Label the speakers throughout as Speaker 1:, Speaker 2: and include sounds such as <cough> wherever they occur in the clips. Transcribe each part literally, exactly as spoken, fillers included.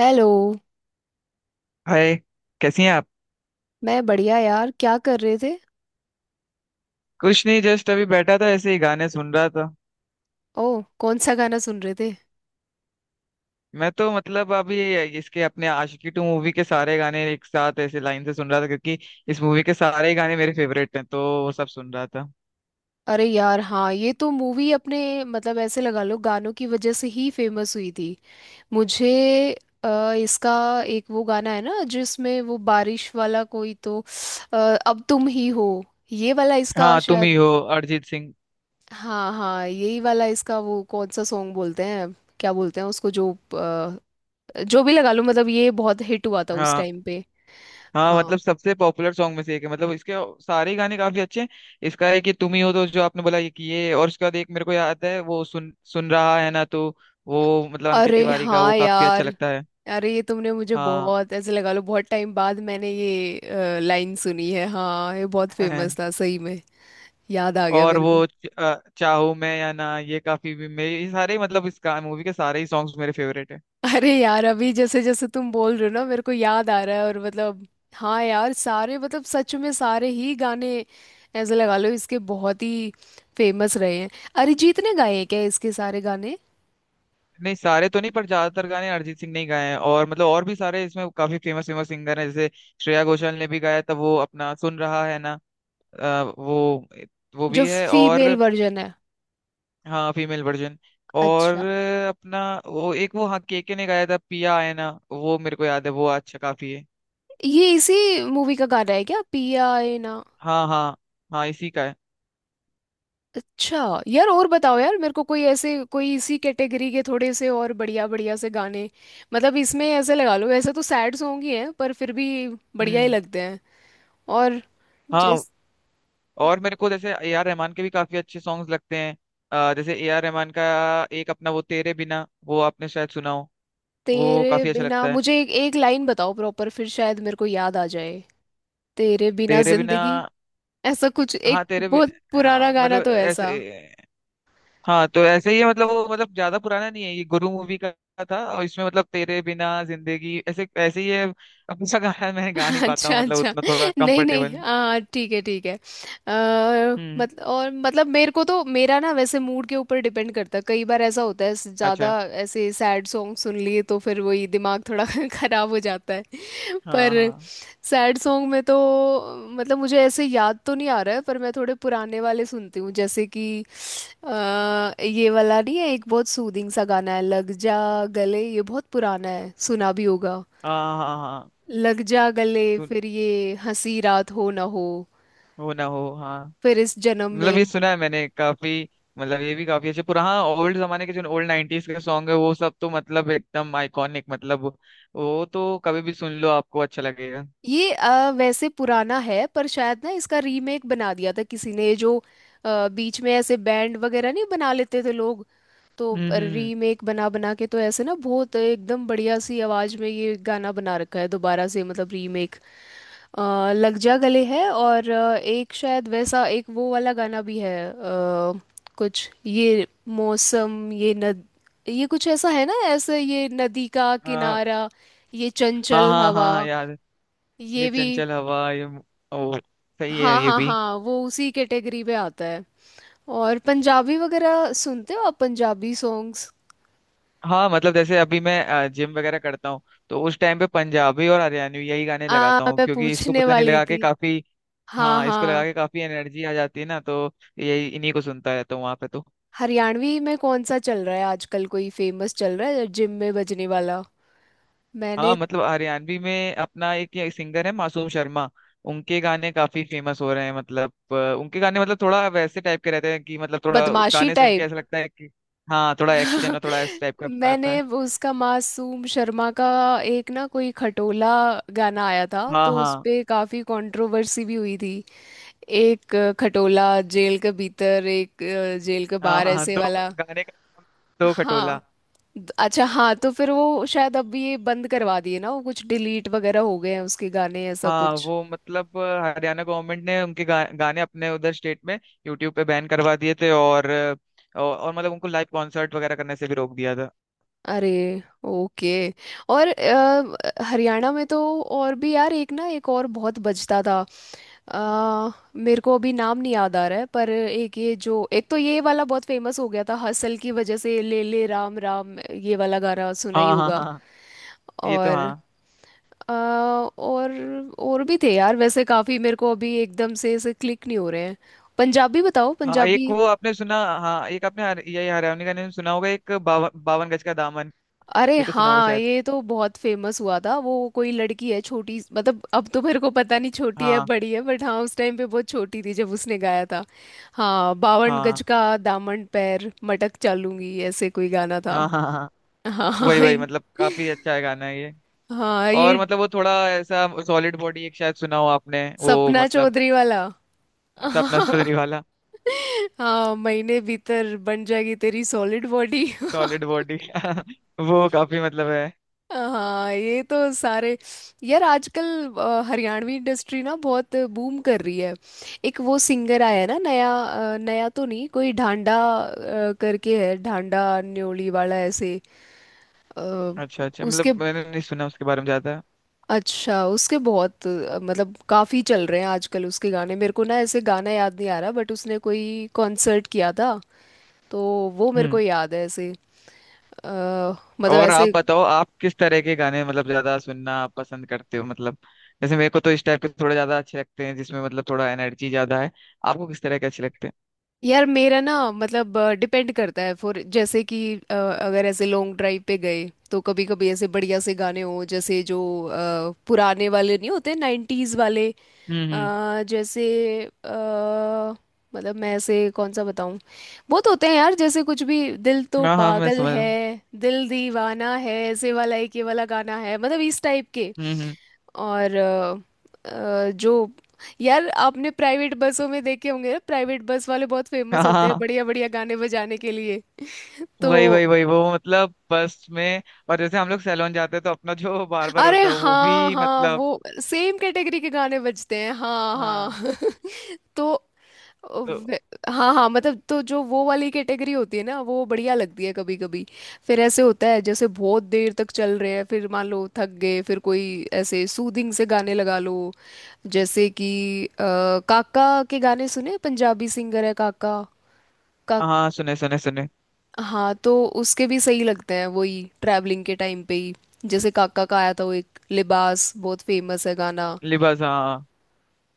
Speaker 1: Hello.
Speaker 2: Hi. कैसी हैं आप।
Speaker 1: मैं बढ़िया यार। क्या कर रहे थे?
Speaker 2: कुछ नहीं, जस्ट अभी बैठा था, ऐसे ही गाने सुन रहा था।
Speaker 1: ओह, कौन सा गाना सुन रहे थे?
Speaker 2: मैं तो मतलब अभी इसके अपने आशिकी टू मूवी के सारे गाने एक साथ ऐसे लाइन से सुन रहा था, क्योंकि इस मूवी के सारे ही गाने मेरे फेवरेट हैं तो वो सब सुन रहा था।
Speaker 1: अरे यार हाँ, ये तो मूवी अपने मतलब ऐसे लगा लो गानों की वजह से ही फेमस हुई थी। मुझे अ, इसका एक वो गाना है ना जिसमें वो बारिश वाला कोई तो। अ, अब तुम ही हो, ये वाला इसका
Speaker 2: हाँ, तुम ही
Speaker 1: शायद।
Speaker 2: हो। अरिजीत सिंह।
Speaker 1: हाँ हाँ, यही वाला इसका वो कौन सा सॉन्ग बोलते हैं। क्या बोलते हैं उसको जो अ, जो भी लगा लो मतलब ये बहुत हिट हुआ था उस
Speaker 2: हाँ
Speaker 1: टाइम पे।
Speaker 2: हाँ,
Speaker 1: हाँ।
Speaker 2: मतलब सबसे पॉपुलर सॉन्ग में से एक है, मतलब इसके सारे ही गाने काफी अच्छे हैं। इसका है कि तुम ही हो, तो जो आपने बोला ये कि ये, और उसके बाद एक मेरे को याद है वो सुन सुन रहा है ना तो वो मतलब अंकित
Speaker 1: अरे
Speaker 2: तिवारी का, वो
Speaker 1: हाँ
Speaker 2: काफी अच्छा
Speaker 1: यार,
Speaker 2: लगता है।
Speaker 1: अरे ये तुमने मुझे
Speaker 2: हाँ।
Speaker 1: बहुत ऐसे लगा लो बहुत टाइम बाद मैंने ये लाइन सुनी है। हाँ ये बहुत फेमस
Speaker 2: <clears throat>
Speaker 1: था
Speaker 2: <laughs>
Speaker 1: सही में। याद आ गया
Speaker 2: और
Speaker 1: मेरे
Speaker 2: वो
Speaker 1: को।
Speaker 2: च- चाहूं मैं या ना, ये काफी भी मेरे, ये सारे मतलब इस मूवी के सारे ही सॉन्ग्स मेरे फेवरेट है।
Speaker 1: अरे यार अभी जैसे जैसे तुम बोल रहे हो ना मेरे को याद आ रहा है और मतलब हाँ यार सारे मतलब सच में सारे ही गाने ऐसे लगा लो इसके बहुत ही फेमस रहे हैं। अरिजीत ने गाए हैं क्या इसके सारे गाने?
Speaker 2: नहीं सारे तो नहीं, पर ज्यादातर गाने अरिजीत सिंह ने ही गाए हैं, और मतलब और भी सारे इसमें काफी फेमस फेमस सिंगर हैं जैसे श्रेया घोषाल ने भी गाया था, वो अपना सुन रहा है ना, अ, वो वो
Speaker 1: जो
Speaker 2: भी है।
Speaker 1: फीमेल
Speaker 2: और
Speaker 1: वर्जन है।
Speaker 2: हाँ, फीमेल वर्जन। और
Speaker 1: अच्छा,
Speaker 2: अपना वो एक वो, हाँ, केके ने गाया था पिया आए ना, वो मेरे को याद है, वो अच्छा काफी है।
Speaker 1: ये इसी मूवी का गाना है क्या, पिया ए ना?
Speaker 2: हाँ हाँ। हाँ, इसी का है।
Speaker 1: अच्छा यार, और बताओ यार मेरे को कोई ऐसे कोई इसी कैटेगरी के थोड़े से और बढ़िया बढ़िया से गाने, मतलब इसमें ऐसे लगा लो वैसे तो सैड सॉन्ग ही हैं पर फिर भी बढ़िया ही
Speaker 2: हम्म।
Speaker 1: लगते हैं। और
Speaker 2: हाँ,
Speaker 1: जिस
Speaker 2: और मेरे को जैसे ए आर रहमान के भी काफी अच्छे सॉन्ग्स लगते हैं। अ, जैसे ए आर रहमान का एक अपना वो तेरे बिना, वो आपने शायद सुना हो, वो
Speaker 1: तेरे
Speaker 2: काफी अच्छा
Speaker 1: बिना
Speaker 2: लगता है।
Speaker 1: मुझे एक, एक लाइन बताओ प्रॉपर फिर शायद मेरे को याद आ जाए। तेरे बिना
Speaker 2: तेरे बिना।
Speaker 1: जिंदगी ऐसा कुछ,
Speaker 2: हाँ,
Speaker 1: एक
Speaker 2: तेरे बि...
Speaker 1: बहुत पुराना
Speaker 2: हाँ,
Speaker 1: गाना
Speaker 2: मतलब
Speaker 1: तो
Speaker 2: ऐसे,
Speaker 1: ऐसा।
Speaker 2: हाँ तो ऐसे ही है, मतलब वो, मतलब ज्यादा पुराना नहीं है, ये गुरु मूवी का था, और इसमें मतलब तेरे बिना जिंदगी ऐसे ऐसे ही है। अब सा गाना मैं गा नहीं पाता
Speaker 1: अच्छा
Speaker 2: हूँ, मतलब
Speaker 1: अच्छा।
Speaker 2: उतना थोड़ा
Speaker 1: नहीं
Speaker 2: कंफर्टेबल
Speaker 1: नहीं।
Speaker 2: हूँ।
Speaker 1: हाँ ठीक है, ठीक है। आ,
Speaker 2: हम्म।
Speaker 1: मत, और मतलब मेरे को तो मेरा ना वैसे मूड के ऊपर डिपेंड करता है। कई बार ऐसा होता है ज़्यादा
Speaker 2: अच्छा।
Speaker 1: ऐसे सैड सॉन्ग सुन लिए तो फिर वही दिमाग थोड़ा <laughs> खराब हो जाता है।
Speaker 2: हाँ
Speaker 1: पर
Speaker 2: हाँ
Speaker 1: सैड सॉन्ग में तो मतलब मुझे ऐसे याद तो नहीं आ रहा है पर मैं थोड़े पुराने वाले सुनती हूँ जैसे कि अ, ये वाला नहीं है, एक बहुत सूदिंग सा गाना है, लग जा गले। ये बहुत पुराना है, सुना भी होगा।
Speaker 2: हाँ। हाँ हाँ।
Speaker 1: लग जा गले,
Speaker 2: सुन।
Speaker 1: फिर ये हंसी रात हो ना हो,
Speaker 2: वो ना हो, हाँ।
Speaker 1: फिर इस जन्म
Speaker 2: मतलब
Speaker 1: में।
Speaker 2: ये सुना है मैंने काफी, मतलब ये भी काफी अच्छे, पुराना ओल्ड जमाने के जो ओल्ड नाइनटीज के सॉन्ग है वो सब तो मतलब एकदम आइकॉनिक, मतलब वो तो कभी भी सुन लो आपको अच्छा लगेगा।
Speaker 1: ये अ, वैसे पुराना है पर शायद ना इसका रीमेक बना दिया था किसी ने, जो अ, बीच में ऐसे बैंड वगैरह नहीं बना लेते थे लोग, तो
Speaker 2: हम्म हम्म।
Speaker 1: रीमेक बना बना के तो ऐसे ना बहुत एकदम बढ़िया सी आवाज में ये गाना बना रखा है दोबारा से, मतलब रीमेक। अ, लग जा गले है, और अ, एक शायद वैसा एक वो वाला गाना भी है अ, कुछ ये मौसम ये नद, ये कुछ ऐसा है ना, ऐसे ये नदी का
Speaker 2: हाँ
Speaker 1: किनारा, ये
Speaker 2: हाँ
Speaker 1: चंचल
Speaker 2: हाँ।
Speaker 1: हवा,
Speaker 2: हाँ यार, ये
Speaker 1: ये भी।
Speaker 2: चंचल हवा ये। ओ, सही है
Speaker 1: हाँ
Speaker 2: ये
Speaker 1: हाँ
Speaker 2: भी।
Speaker 1: हाँ, वो उसी कैटेगरी में आता है। और पंजाबी वगैरह सुनते हो आप, पंजाबी सॉन्ग्स?
Speaker 2: हाँ मतलब जैसे अभी मैं जिम वगैरह करता हूँ, तो उस टाइम पे पंजाबी और हरियाणवी यही गाने
Speaker 1: आ
Speaker 2: लगाता हूँ,
Speaker 1: मैं
Speaker 2: क्योंकि इसको
Speaker 1: पूछने
Speaker 2: पता नहीं
Speaker 1: वाली
Speaker 2: लगा के
Speaker 1: थी।
Speaker 2: काफी।
Speaker 1: हाँ
Speaker 2: हाँ, इसको लगा
Speaker 1: हाँ।
Speaker 2: के काफी एनर्जी आ जाती है ना, तो यही इन्हीं को सुनता रहता हूँ वहां पे तो।
Speaker 1: हरियाणवी में कौन सा चल रहा है आजकल, कोई फेमस चल रहा है जिम में बजने वाला?
Speaker 2: हाँ,
Speaker 1: मैंने।
Speaker 2: मतलब हरियाणवी में अपना एक ये सिंगर है, मासूम शर्मा। उनके गाने काफी फेमस हो रहे हैं, मतलब अ, उनके गाने मतलब थोड़ा वैसे टाइप के रहते हैं कि, मतलब थोड़ा
Speaker 1: बदमाशी
Speaker 2: गाने सुन के
Speaker 1: टाइप।
Speaker 2: ऐसा लगता है कि। हाँ, थोड़ा एक्शन और थोड़ा इस टाइप का आता
Speaker 1: मैंने
Speaker 2: है।
Speaker 1: वो उसका मासूम शर्मा का एक ना कोई खटोला गाना आया था
Speaker 2: हाँ
Speaker 1: तो उस
Speaker 2: हाँ
Speaker 1: पे काफी कंट्रोवर्सी भी हुई थी। एक अ, खटोला जेल के भीतर, एक अ, जेल के
Speaker 2: हाँ।
Speaker 1: बाहर,
Speaker 2: हाँ हाँ,
Speaker 1: ऐसे
Speaker 2: दो,
Speaker 1: वाला।
Speaker 2: गाने का नाम दो
Speaker 1: हाँ
Speaker 2: खटोला।
Speaker 1: द- अच्छा, हाँ तो फिर वो शायद अब ये बंद करवा दिए ना, वो कुछ डिलीट वगैरह हो गए हैं उसके गाने, ऐसा
Speaker 2: हाँ
Speaker 1: कुछ।
Speaker 2: वो मतलब अ, हरियाणा गवर्नमेंट ने उनके गा, गाने अपने उधर स्टेट में यूट्यूब पे बैन करवा दिए थे, और, अ, और और मतलब उनको लाइव कॉन्सर्ट वगैरह करने से भी रोक दिया था।
Speaker 1: अरे। ओके। और अ, हरियाणा में तो और भी यार एक ना एक और बहुत बजता था। आ, मेरे को अभी नाम नहीं याद आ रहा है पर एक ये जो एक, तो ये वाला बहुत फेमस हो गया था हसल की वजह से, ले ले राम राम, ये वाला गाना सुना ही
Speaker 2: हाँ हाँ
Speaker 1: होगा।
Speaker 2: हाँ, ये तो
Speaker 1: और
Speaker 2: हाँ।
Speaker 1: आ, और और भी थे यार वैसे काफी, मेरे को अभी एकदम से ऐसे क्लिक नहीं हो रहे हैं। पंजाबी बताओ,
Speaker 2: हाँ,
Speaker 1: पंजाबी।
Speaker 2: एक वो आपने सुना, हाँ एक आपने हर- ये हरियाणवी का नाम सुना होगा, एक बावन बावन गज का दामन,
Speaker 1: अरे
Speaker 2: ये तो सुना होगा
Speaker 1: हाँ,
Speaker 2: शायद।
Speaker 1: ये तो बहुत फेमस हुआ था। वो कोई लड़की है छोटी, मतलब अब तो मेरे को पता नहीं छोटी है
Speaker 2: हाँ
Speaker 1: बड़ी है, बट हाँ उस टाइम पे बहुत छोटी थी जब उसने गाया था। हाँ, बावन
Speaker 2: हाँ
Speaker 1: गज का दामन पैर मटक चालूंगी, ऐसे कोई गाना था।
Speaker 2: हाँ। हाँ हाँ,
Speaker 1: हाँ
Speaker 2: वही
Speaker 1: हाँ
Speaker 2: वही,
Speaker 1: ये-
Speaker 2: मतलब काफी अच्छा है गाना ये।
Speaker 1: हाँ, ये
Speaker 2: और मतलब वो थोड़ा ऐसा सॉलिड बॉडी एक शायद सुना हो आपने, वो
Speaker 1: सपना
Speaker 2: मतलब।
Speaker 1: चौधरी वाला।
Speaker 2: सपना चौधरी वाला
Speaker 1: हाँ, महीने भीतर बन जाएगी तेरी सॉलिड बॉडी।
Speaker 2: Solid body. <laughs> वो काफी मतलब है।
Speaker 1: हाँ ये तो सारे। यार आजकल अ, हरियाणवी इंडस्ट्री ना बहुत बूम कर रही है। एक वो सिंगर आया है ना नया, अ, नया तो नहीं, कोई ढांडा अ, करके है, ढांडा न्योली वाला ऐसे अ,
Speaker 2: अच्छा अच्छा,
Speaker 1: उसके।
Speaker 2: मतलब मैंने नहीं सुना उसके बारे में ज्यादा।
Speaker 1: अच्छा, उसके बहुत अ, मतलब काफी चल रहे हैं आजकल उसके गाने। मेरे को ना ऐसे गाना याद नहीं आ रहा बट उसने कोई कॉन्सर्ट किया था तो वो मेरे को
Speaker 2: हम्म।
Speaker 1: याद है ऐसे अ, मतलब
Speaker 2: और आप
Speaker 1: ऐसे।
Speaker 2: बताओ, आप किस तरह के गाने मतलब ज्यादा सुनना आप पसंद करते हो? मतलब जैसे मेरे को तो इस टाइप के थोड़े ज्यादा अच्छे लगते हैं, जिसमें मतलब थोड़ा एनर्जी ज्यादा है। आपको किस तरह के अच्छे लगते हैं?
Speaker 1: यार मेरा ना मतलब डिपेंड करता है फॉर, जैसे कि अ, अगर ऐसे लॉन्ग ड्राइव पे गए तो कभी कभी ऐसे बढ़िया से गाने हो जैसे जो अ, पुराने वाले नहीं होते, नाइन्टीज वाले
Speaker 2: हम्म हम्म।
Speaker 1: अ, जैसे अ, मतलब मैं ऐसे कौन सा बताऊं, बहुत होते हैं यार, जैसे कुछ भी दिल तो
Speaker 2: हाँ हाँ, मैं
Speaker 1: पागल
Speaker 2: समझ रहा
Speaker 1: है,
Speaker 2: हूँ।
Speaker 1: दिल दीवाना है, ऐसे वाला एक ये वाला गाना है, मतलब इस टाइप के।
Speaker 2: हम्म हम्म।
Speaker 1: और अ, अ, जो, यार आपने प्राइवेट बसों में देखे होंगे ना, प्राइवेट बस वाले बहुत
Speaker 2: हाँ
Speaker 1: फेमस होते हैं
Speaker 2: हाँ,
Speaker 1: बढ़िया बढ़िया गाने बजाने के लिए। <laughs>
Speaker 2: वही
Speaker 1: तो
Speaker 2: वही वही, वो मतलब बस में। और जैसे हम लोग सैलून जाते हैं, तो अपना जो <laughs> बार्बर
Speaker 1: अरे
Speaker 2: होता है वो
Speaker 1: हाँ
Speaker 2: भी
Speaker 1: हाँ,
Speaker 2: मतलब।
Speaker 1: वो सेम कैटेगरी के गाने बजते हैं। हाँ
Speaker 2: हाँ।
Speaker 1: हाँ। <laughs> तो
Speaker 2: तो
Speaker 1: वे- हाँ हाँ, मतलब तो जो वो वाली कैटेगरी होती है ना वो बढ़िया लगती है कभी कभी। फिर ऐसे होता है जैसे बहुत देर तक चल रहे हैं, फिर मान लो थक गए, फिर कोई ऐसे सूदिंग से गाने लगा लो, जैसे कि अ, काका के गाने सुने? पंजाबी सिंगर है काका। का,
Speaker 2: हाँ, सुने सुने सुने।
Speaker 1: हाँ तो उसके भी सही लगते हैं वही ट्रैवलिंग के टाइम पे ही। जैसे काका का आया था वो एक लिबास, बहुत फेमस है गाना।
Speaker 2: लिबास, हाँ।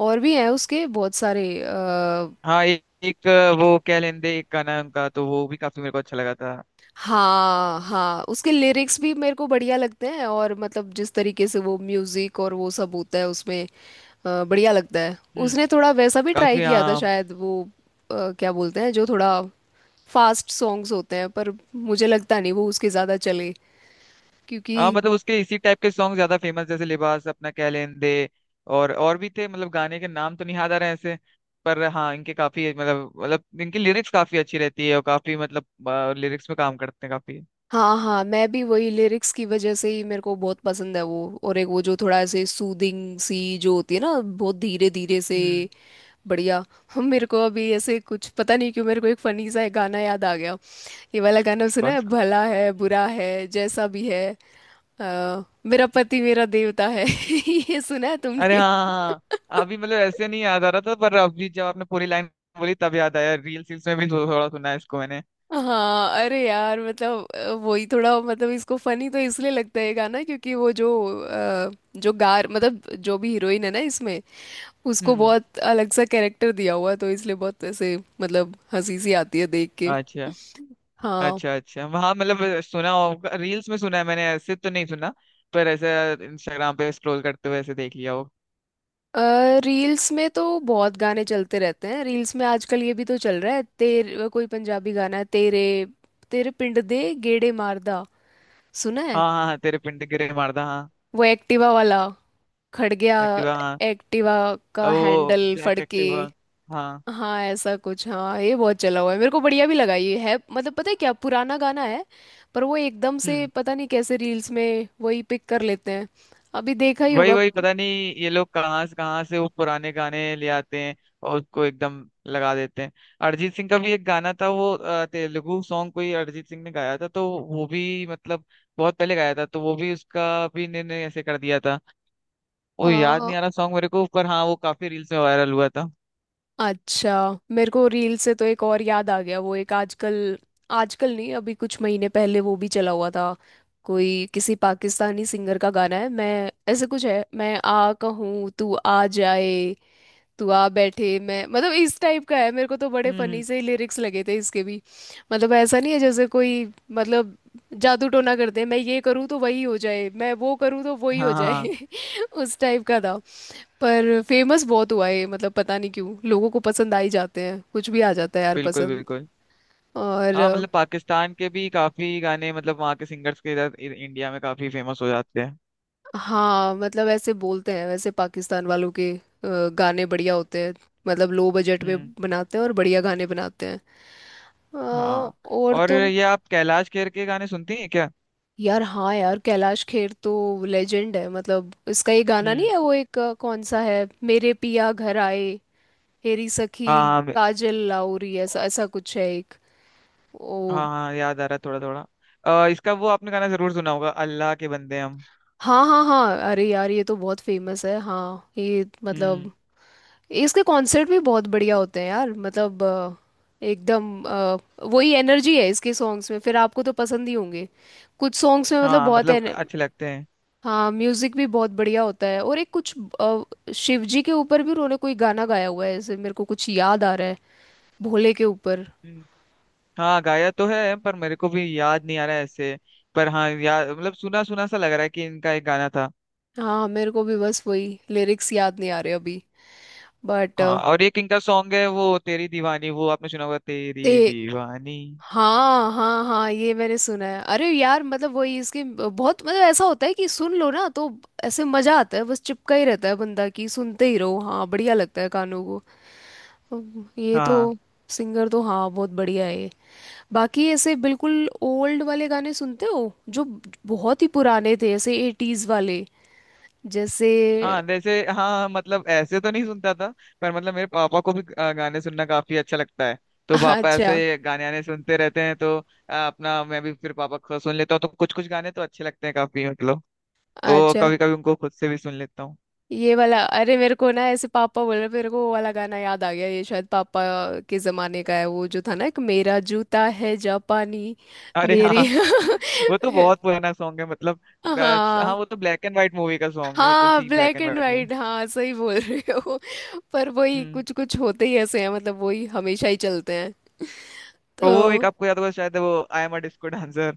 Speaker 1: और भी हैं उसके बहुत सारे। आ,
Speaker 2: हाँ, एक, एक वो कह लेंदे एक गाना है उनका, तो वो भी काफी मेरे को अच्छा लगा था।
Speaker 1: हाँ हाँ, उसके लिरिक्स भी मेरे को बढ़िया लगते हैं और मतलब जिस तरीके से वो म्यूजिक और वो सब होता है उसमें अ, बढ़िया लगता है।
Speaker 2: हम्म।
Speaker 1: उसने थोड़ा वैसा भी ट्राई
Speaker 2: काफी
Speaker 1: किया था
Speaker 2: हाँ।
Speaker 1: शायद वो अ, क्या बोलते हैं जो थोड़ा फास्ट सॉन्ग्स होते हैं, पर मुझे लगता नहीं वो उसके ज़्यादा चले,
Speaker 2: हाँ
Speaker 1: क्योंकि।
Speaker 2: मतलब उसके इसी टाइप के सॉन्ग ज्यादा फेमस, जैसे लिबास, अपना कह लेन दे। और और भी थे, मतलब गाने के नाम तो नहीं याद आ रहे हैं ऐसे, पर हाँ इनके काफी मतलब, मतलब इनकी लिरिक्स काफी अच्छी रहती है, और काफी मतलब लिरिक्स में काम करते हैं काफी।
Speaker 1: हाँ हाँ, मैं भी वही लिरिक्स की वजह से ही मेरे को बहुत पसंद है वो। और एक वो जो थोड़ा ऐसे सूदिंग सी जो होती है ना बहुत धीरे धीरे से,
Speaker 2: हम्म।
Speaker 1: बढ़िया। <laughs> हम, मेरे को अभी ऐसे कुछ पता नहीं क्यों मेरे को एक फनी सा एक गाना याद आ गया। ये वाला गाना सुना
Speaker 2: कौन
Speaker 1: है,
Speaker 2: सा?
Speaker 1: भला है बुरा है जैसा भी है अ, मेरा पति मेरा देवता है। <laughs> ये सुना है
Speaker 2: अरे
Speaker 1: तुमने?
Speaker 2: हाँ हाँ हाँ। हाँ, अभी मतलब ऐसे नहीं याद आ रहा था, पर अभी जब आपने पूरी लाइन बोली तब याद आया। रील्स रील्स में भी थो- थोड़ा सुना है इसको मैंने।
Speaker 1: हाँ अरे यार, मतलब अ, वही थोड़ा मतलब इसको फनी तो इसलिए लगता है ये गाना क्योंकि वो जो अ, जो गार मतलब जो भी हीरोइन है ना इसमें उसको
Speaker 2: हम्म।
Speaker 1: बहुत अलग सा कैरेक्टर दिया हुआ है, तो इसलिए बहुत ऐसे मतलब हंसी सी आती है देख के।
Speaker 2: अच्छा
Speaker 1: हाँ।
Speaker 2: अच्छा अच्छा, वहाँ मतलब सुना होगा, रील्स में सुना है मैंने, ऐसे तो नहीं सुना, पर ऐसे इंस्टाग्राम पे स्क्रॉल करते हुए ऐसे देख लिया हो।
Speaker 1: रील्स में तो बहुत गाने चलते रहते हैं रील्स में आजकल। ये भी तो चल रहा है, तेरे, कोई पंजाबी गाना है, तेरे तेरे पिंड दे गेड़े मारदा, सुना है?
Speaker 2: हाँ हाँ, तेरे पिंड गिरे मारदा, हाँ।
Speaker 1: वो एक्टिवा वाला खड़ गया,
Speaker 2: एक्टिवा, हाँ।
Speaker 1: एक्टिवा
Speaker 2: और
Speaker 1: का
Speaker 2: वो
Speaker 1: हैंडल
Speaker 2: ब्लैक
Speaker 1: फड़के।
Speaker 2: एक्टिवा। हाँ।
Speaker 1: हाँ ऐसा कुछ, हाँ ये बहुत चला हुआ है, मेरे को बढ़िया भी लगा, ये है मतलब पता है क्या पुराना गाना है पर वो एकदम से
Speaker 2: हम्म।
Speaker 1: पता नहीं कैसे रील्स में वही पिक कर लेते हैं। अभी देखा ही
Speaker 2: वही
Speaker 1: होगा।
Speaker 2: वही, पता नहीं ये लोग कहाँ से कहाँ से वो पुराने गाने ले आते हैं, और उसको एकदम लगा देते हैं। अरिजीत सिंह का भी एक गाना था वो अ, तेलुगु सॉन्ग कोई अरिजीत सिंह ने गाया था, तो वो भी मतलब बहुत पहले गाया था, तो वो भी उसका भी इन्होंने ऐसे कर दिया था। वो याद
Speaker 1: आ,
Speaker 2: नहीं आ रहा सॉन्ग मेरे को, पर हाँ वो काफी रील्स में वायरल हुआ था।
Speaker 1: अच्छा, मेरे को रील से तो एक और याद आ गया। वो एक आजकल, आजकल नहीं अभी कुछ महीने पहले वो भी चला हुआ था। कोई किसी पाकिस्तानी सिंगर का गाना है, मैं ऐसे कुछ है, मैं आ कहूँ तू आ जाए, तू आ बैठे मैं, मतलब इस टाइप का है। मेरे को तो बड़े
Speaker 2: हम्म
Speaker 1: फनी
Speaker 2: हम्म।
Speaker 1: से ही लिरिक्स लगे थे इसके भी। मतलब ऐसा नहीं है जैसे कोई मतलब जादू टोना करते हैं, मैं ये करूँ तो वही हो जाए, मैं वो करूँ तो वही हो
Speaker 2: हाँ हाँ हाँ।
Speaker 1: जाए। <laughs> उस टाइप का था। पर फेमस बहुत हुआ है मतलब पता नहीं क्यों लोगों को पसंद आ ही जाते हैं कुछ भी आ जाता है यार
Speaker 2: बिल्कुल
Speaker 1: पसंद।
Speaker 2: बिल्कुल।
Speaker 1: और
Speaker 2: हाँ,
Speaker 1: अ,
Speaker 2: मतलब पाकिस्तान के भी काफी गाने, मतलब वहाँ के सिंगर्स के इधर इ- इंडिया में काफी फेमस हो जाते हैं।
Speaker 1: हाँ मतलब ऐसे बोलते हैं वैसे पाकिस्तान वालों के अ, गाने बढ़िया होते हैं, मतलब लो बजट में
Speaker 2: हम्म।
Speaker 1: बनाते हैं और बढ़िया गाने बनाते हैं। अ,
Speaker 2: हाँ,
Speaker 1: और
Speaker 2: और
Speaker 1: तो
Speaker 2: ये आप कैलाश खेर के गाने सुनती हैं क्या?
Speaker 1: यार हाँ, यार कैलाश खेर तो लेजेंड है। मतलब इसका ये गाना नहीं
Speaker 2: हम्म।
Speaker 1: है वो एक अ, कौन सा है, मेरे पिया घर आए हेरी सखी
Speaker 2: हाँ हाँ मे-
Speaker 1: काजल लाउरी, ऐसा ऐसा कुछ है एक। ओ।
Speaker 2: हाँ हाँ, याद आ रहा है थोड़ा थोड़ा। अ, इसका वो आपने गाना जरूर सुना होगा, अल्लाह के बंदे हम।
Speaker 1: हाँ हाँ हाँ, अरे यार ये तो बहुत फेमस है। हाँ ये मतलब
Speaker 2: हम्म।
Speaker 1: इसके कॉन्सर्ट भी बहुत बढ़िया होते हैं यार, मतलब अ, एकदम अ, वही एनर्जी है इसके सॉन्ग्स में, फिर आपको तो पसंद ही होंगे कुछ सॉन्ग्स में मतलब
Speaker 2: हाँ,
Speaker 1: बहुत।
Speaker 2: मतलब अच्छे लगते हैं।
Speaker 1: हाँ, म्यूजिक भी बहुत बढ़िया होता है। और एक कुछ अ, शिव जी के ऊपर भी उन्होंने कोई गाना गाया हुआ है ऐसे मेरे को कुछ याद आ रहा है, भोले के ऊपर।
Speaker 2: हम्म। हाँ, गाया तो है, पर मेरे को भी याद नहीं आ रहा है ऐसे, पर हाँ याद मतलब सुना सुना सा लग रहा है कि इनका एक गाना था।
Speaker 1: हाँ मेरे को भी बस वही लिरिक्स याद नहीं आ रहे अभी, बट
Speaker 2: हाँ, और एक इनका सॉन्ग है वो तेरी दीवानी, वो आपने सुना होगा तेरी
Speaker 1: ते
Speaker 2: दीवानी।
Speaker 1: हाँ हाँ हाँ, ये मैंने सुना है। अरे यार मतलब वही इसके बहुत मतलब ऐसा होता है कि सुन लो ना तो ऐसे मजा आता है, बस चिपका ही रहता है बंदा, कि सुनते ही रहो। हाँ, बढ़िया लगता है कानों को। अब ये तो
Speaker 2: हाँ
Speaker 1: सिंगर तो हाँ बहुत बढ़िया है ये। बाकी ऐसे बिल्कुल ओल्ड वाले गाने सुनते हो, जो बहुत ही पुराने थे, ऐसे एटीज वाले, जैसे।
Speaker 2: हाँ, जैसे हाँ मतलब ऐसे तो नहीं सुनता था, पर मतलब मेरे पापा को भी अ, गाने सुनना काफी अच्छा लगता है, तो
Speaker 1: <laughs>
Speaker 2: पापा
Speaker 1: अच्छा
Speaker 2: ऐसे गाने आने सुनते रहते हैं, तो अ, अपना मैं भी फिर पापा को सुन लेता हूँ, तो कुछ कुछ गाने तो अच्छे लगते हैं काफी मतलब। तो
Speaker 1: अच्छा।
Speaker 2: कभी कभी उनको खुद से भी सुन लेता हूँ।
Speaker 1: ये वाला अरे मेरे को ना ऐसे पापा बोल रहे, मेरे को वो वाला गाना याद आ गया, ये शायद पापा के जमाने का है, वो जो था ना, एक मेरा जूता है जापानी,
Speaker 2: अरे
Speaker 1: मेरी।
Speaker 2: हाँ।
Speaker 1: <laughs>
Speaker 2: <laughs> वो तो बहुत पुराना सॉन्ग है, मतलब। अ, हाँ,
Speaker 1: हाँ
Speaker 2: वो तो ब्लैक एंड व्हाइट मूवी का सॉन्ग है, कोई
Speaker 1: हाँ,
Speaker 2: सी black
Speaker 1: black
Speaker 2: and
Speaker 1: and
Speaker 2: white movie.
Speaker 1: White, हाँ सही बोल रहे हो। पर वही
Speaker 2: हम्म।
Speaker 1: कुछ कुछ होते ही ऐसे हैं मतलब वही हमेशा ही चलते हैं
Speaker 2: और वो एक
Speaker 1: तो।
Speaker 2: आपको याद होगा शायद, वो I am a disco dancer,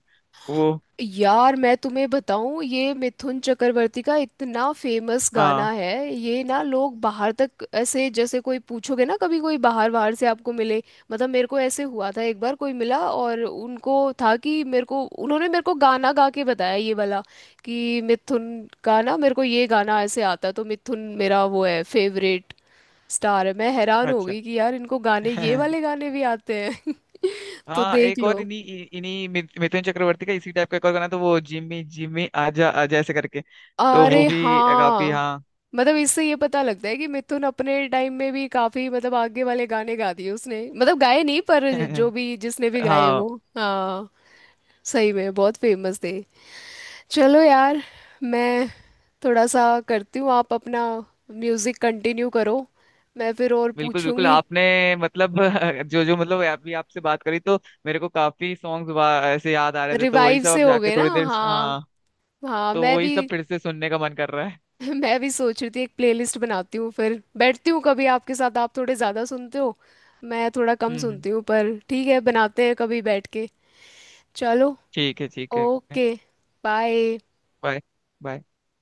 Speaker 2: वो।
Speaker 1: यार मैं तुम्हें बताऊं, ये मिथुन चक्रवर्ती का इतना फेमस गाना
Speaker 2: हाँ।
Speaker 1: है, ये ना लोग बाहर तक ऐसे, जैसे कोई पूछोगे ना कभी, कोई बाहर बाहर से आपको मिले, मतलब मेरे को ऐसे हुआ था एक बार, कोई मिला और उनको था कि मेरे को, उन्होंने मेरे को गाना गा के बताया ये वाला, कि मिथुन का ना मेरे को ये गाना ऐसे आता, तो मिथुन मेरा वो है, फेवरेट स्टार है। मैं हैरान हो
Speaker 2: अच्छा।
Speaker 1: गई कि यार इनको गाने ये वाले
Speaker 2: <laughs>
Speaker 1: गाने भी आते हैं। <laughs> तो
Speaker 2: हाँ,
Speaker 1: देख
Speaker 2: एक और
Speaker 1: लो।
Speaker 2: इन्हीं इन्हीं मिथ- मिथुन चक्रवर्ती का इसी टाइप का एक और गाना था वो, जिम्मी जिम्मी आजा आजा ऐसे करके, तो वो
Speaker 1: अरे
Speaker 2: <laughs> भी काफी
Speaker 1: हाँ,
Speaker 2: हाँ।
Speaker 1: मतलब इससे ये पता लगता है कि मिथुन अपने टाइम में भी काफी मतलब आगे वाले गाने गा दिए उसने, मतलब गाए नहीं पर जो
Speaker 2: <laughs>
Speaker 1: भी, जिसने भी गाए
Speaker 2: हाँ,
Speaker 1: वो। हाँ सही में बहुत फेमस थे। चलो यार, मैं थोड़ा सा करती हूँ, आप अपना म्यूजिक कंटिन्यू करो, मैं फिर और
Speaker 2: बिल्कुल बिल्कुल।
Speaker 1: पूछूंगी।
Speaker 2: आपने मतलब <laughs> जो जो मतलब अभी आपसे बात करी, तो मेरे को काफी सॉन्ग्स ऐसे याद आ रहे थे, तो वही
Speaker 1: रिवाइव
Speaker 2: सब
Speaker 1: से
Speaker 2: अब
Speaker 1: हो
Speaker 2: जाके
Speaker 1: गए ना।
Speaker 2: थोड़ी देर,
Speaker 1: हाँ
Speaker 2: हाँ,
Speaker 1: हाँ,
Speaker 2: तो
Speaker 1: मैं
Speaker 2: वही
Speaker 1: भी।
Speaker 2: सब फिर से सुनने का मन कर रहा है।
Speaker 1: <laughs> मैं भी सोच रही थी एक प्लेलिस्ट बनाती हूँ फिर बैठती हूँ कभी आपके साथ, आप थोड़े ज़्यादा सुनते हो, मैं थोड़ा कम
Speaker 2: हम्म हम्म।
Speaker 1: सुनती हूँ, पर ठीक है, बनाते हैं कभी बैठ के। चलो।
Speaker 2: ठीक है ठीक है।
Speaker 1: ओके। बाय।
Speaker 2: बाय। बाय।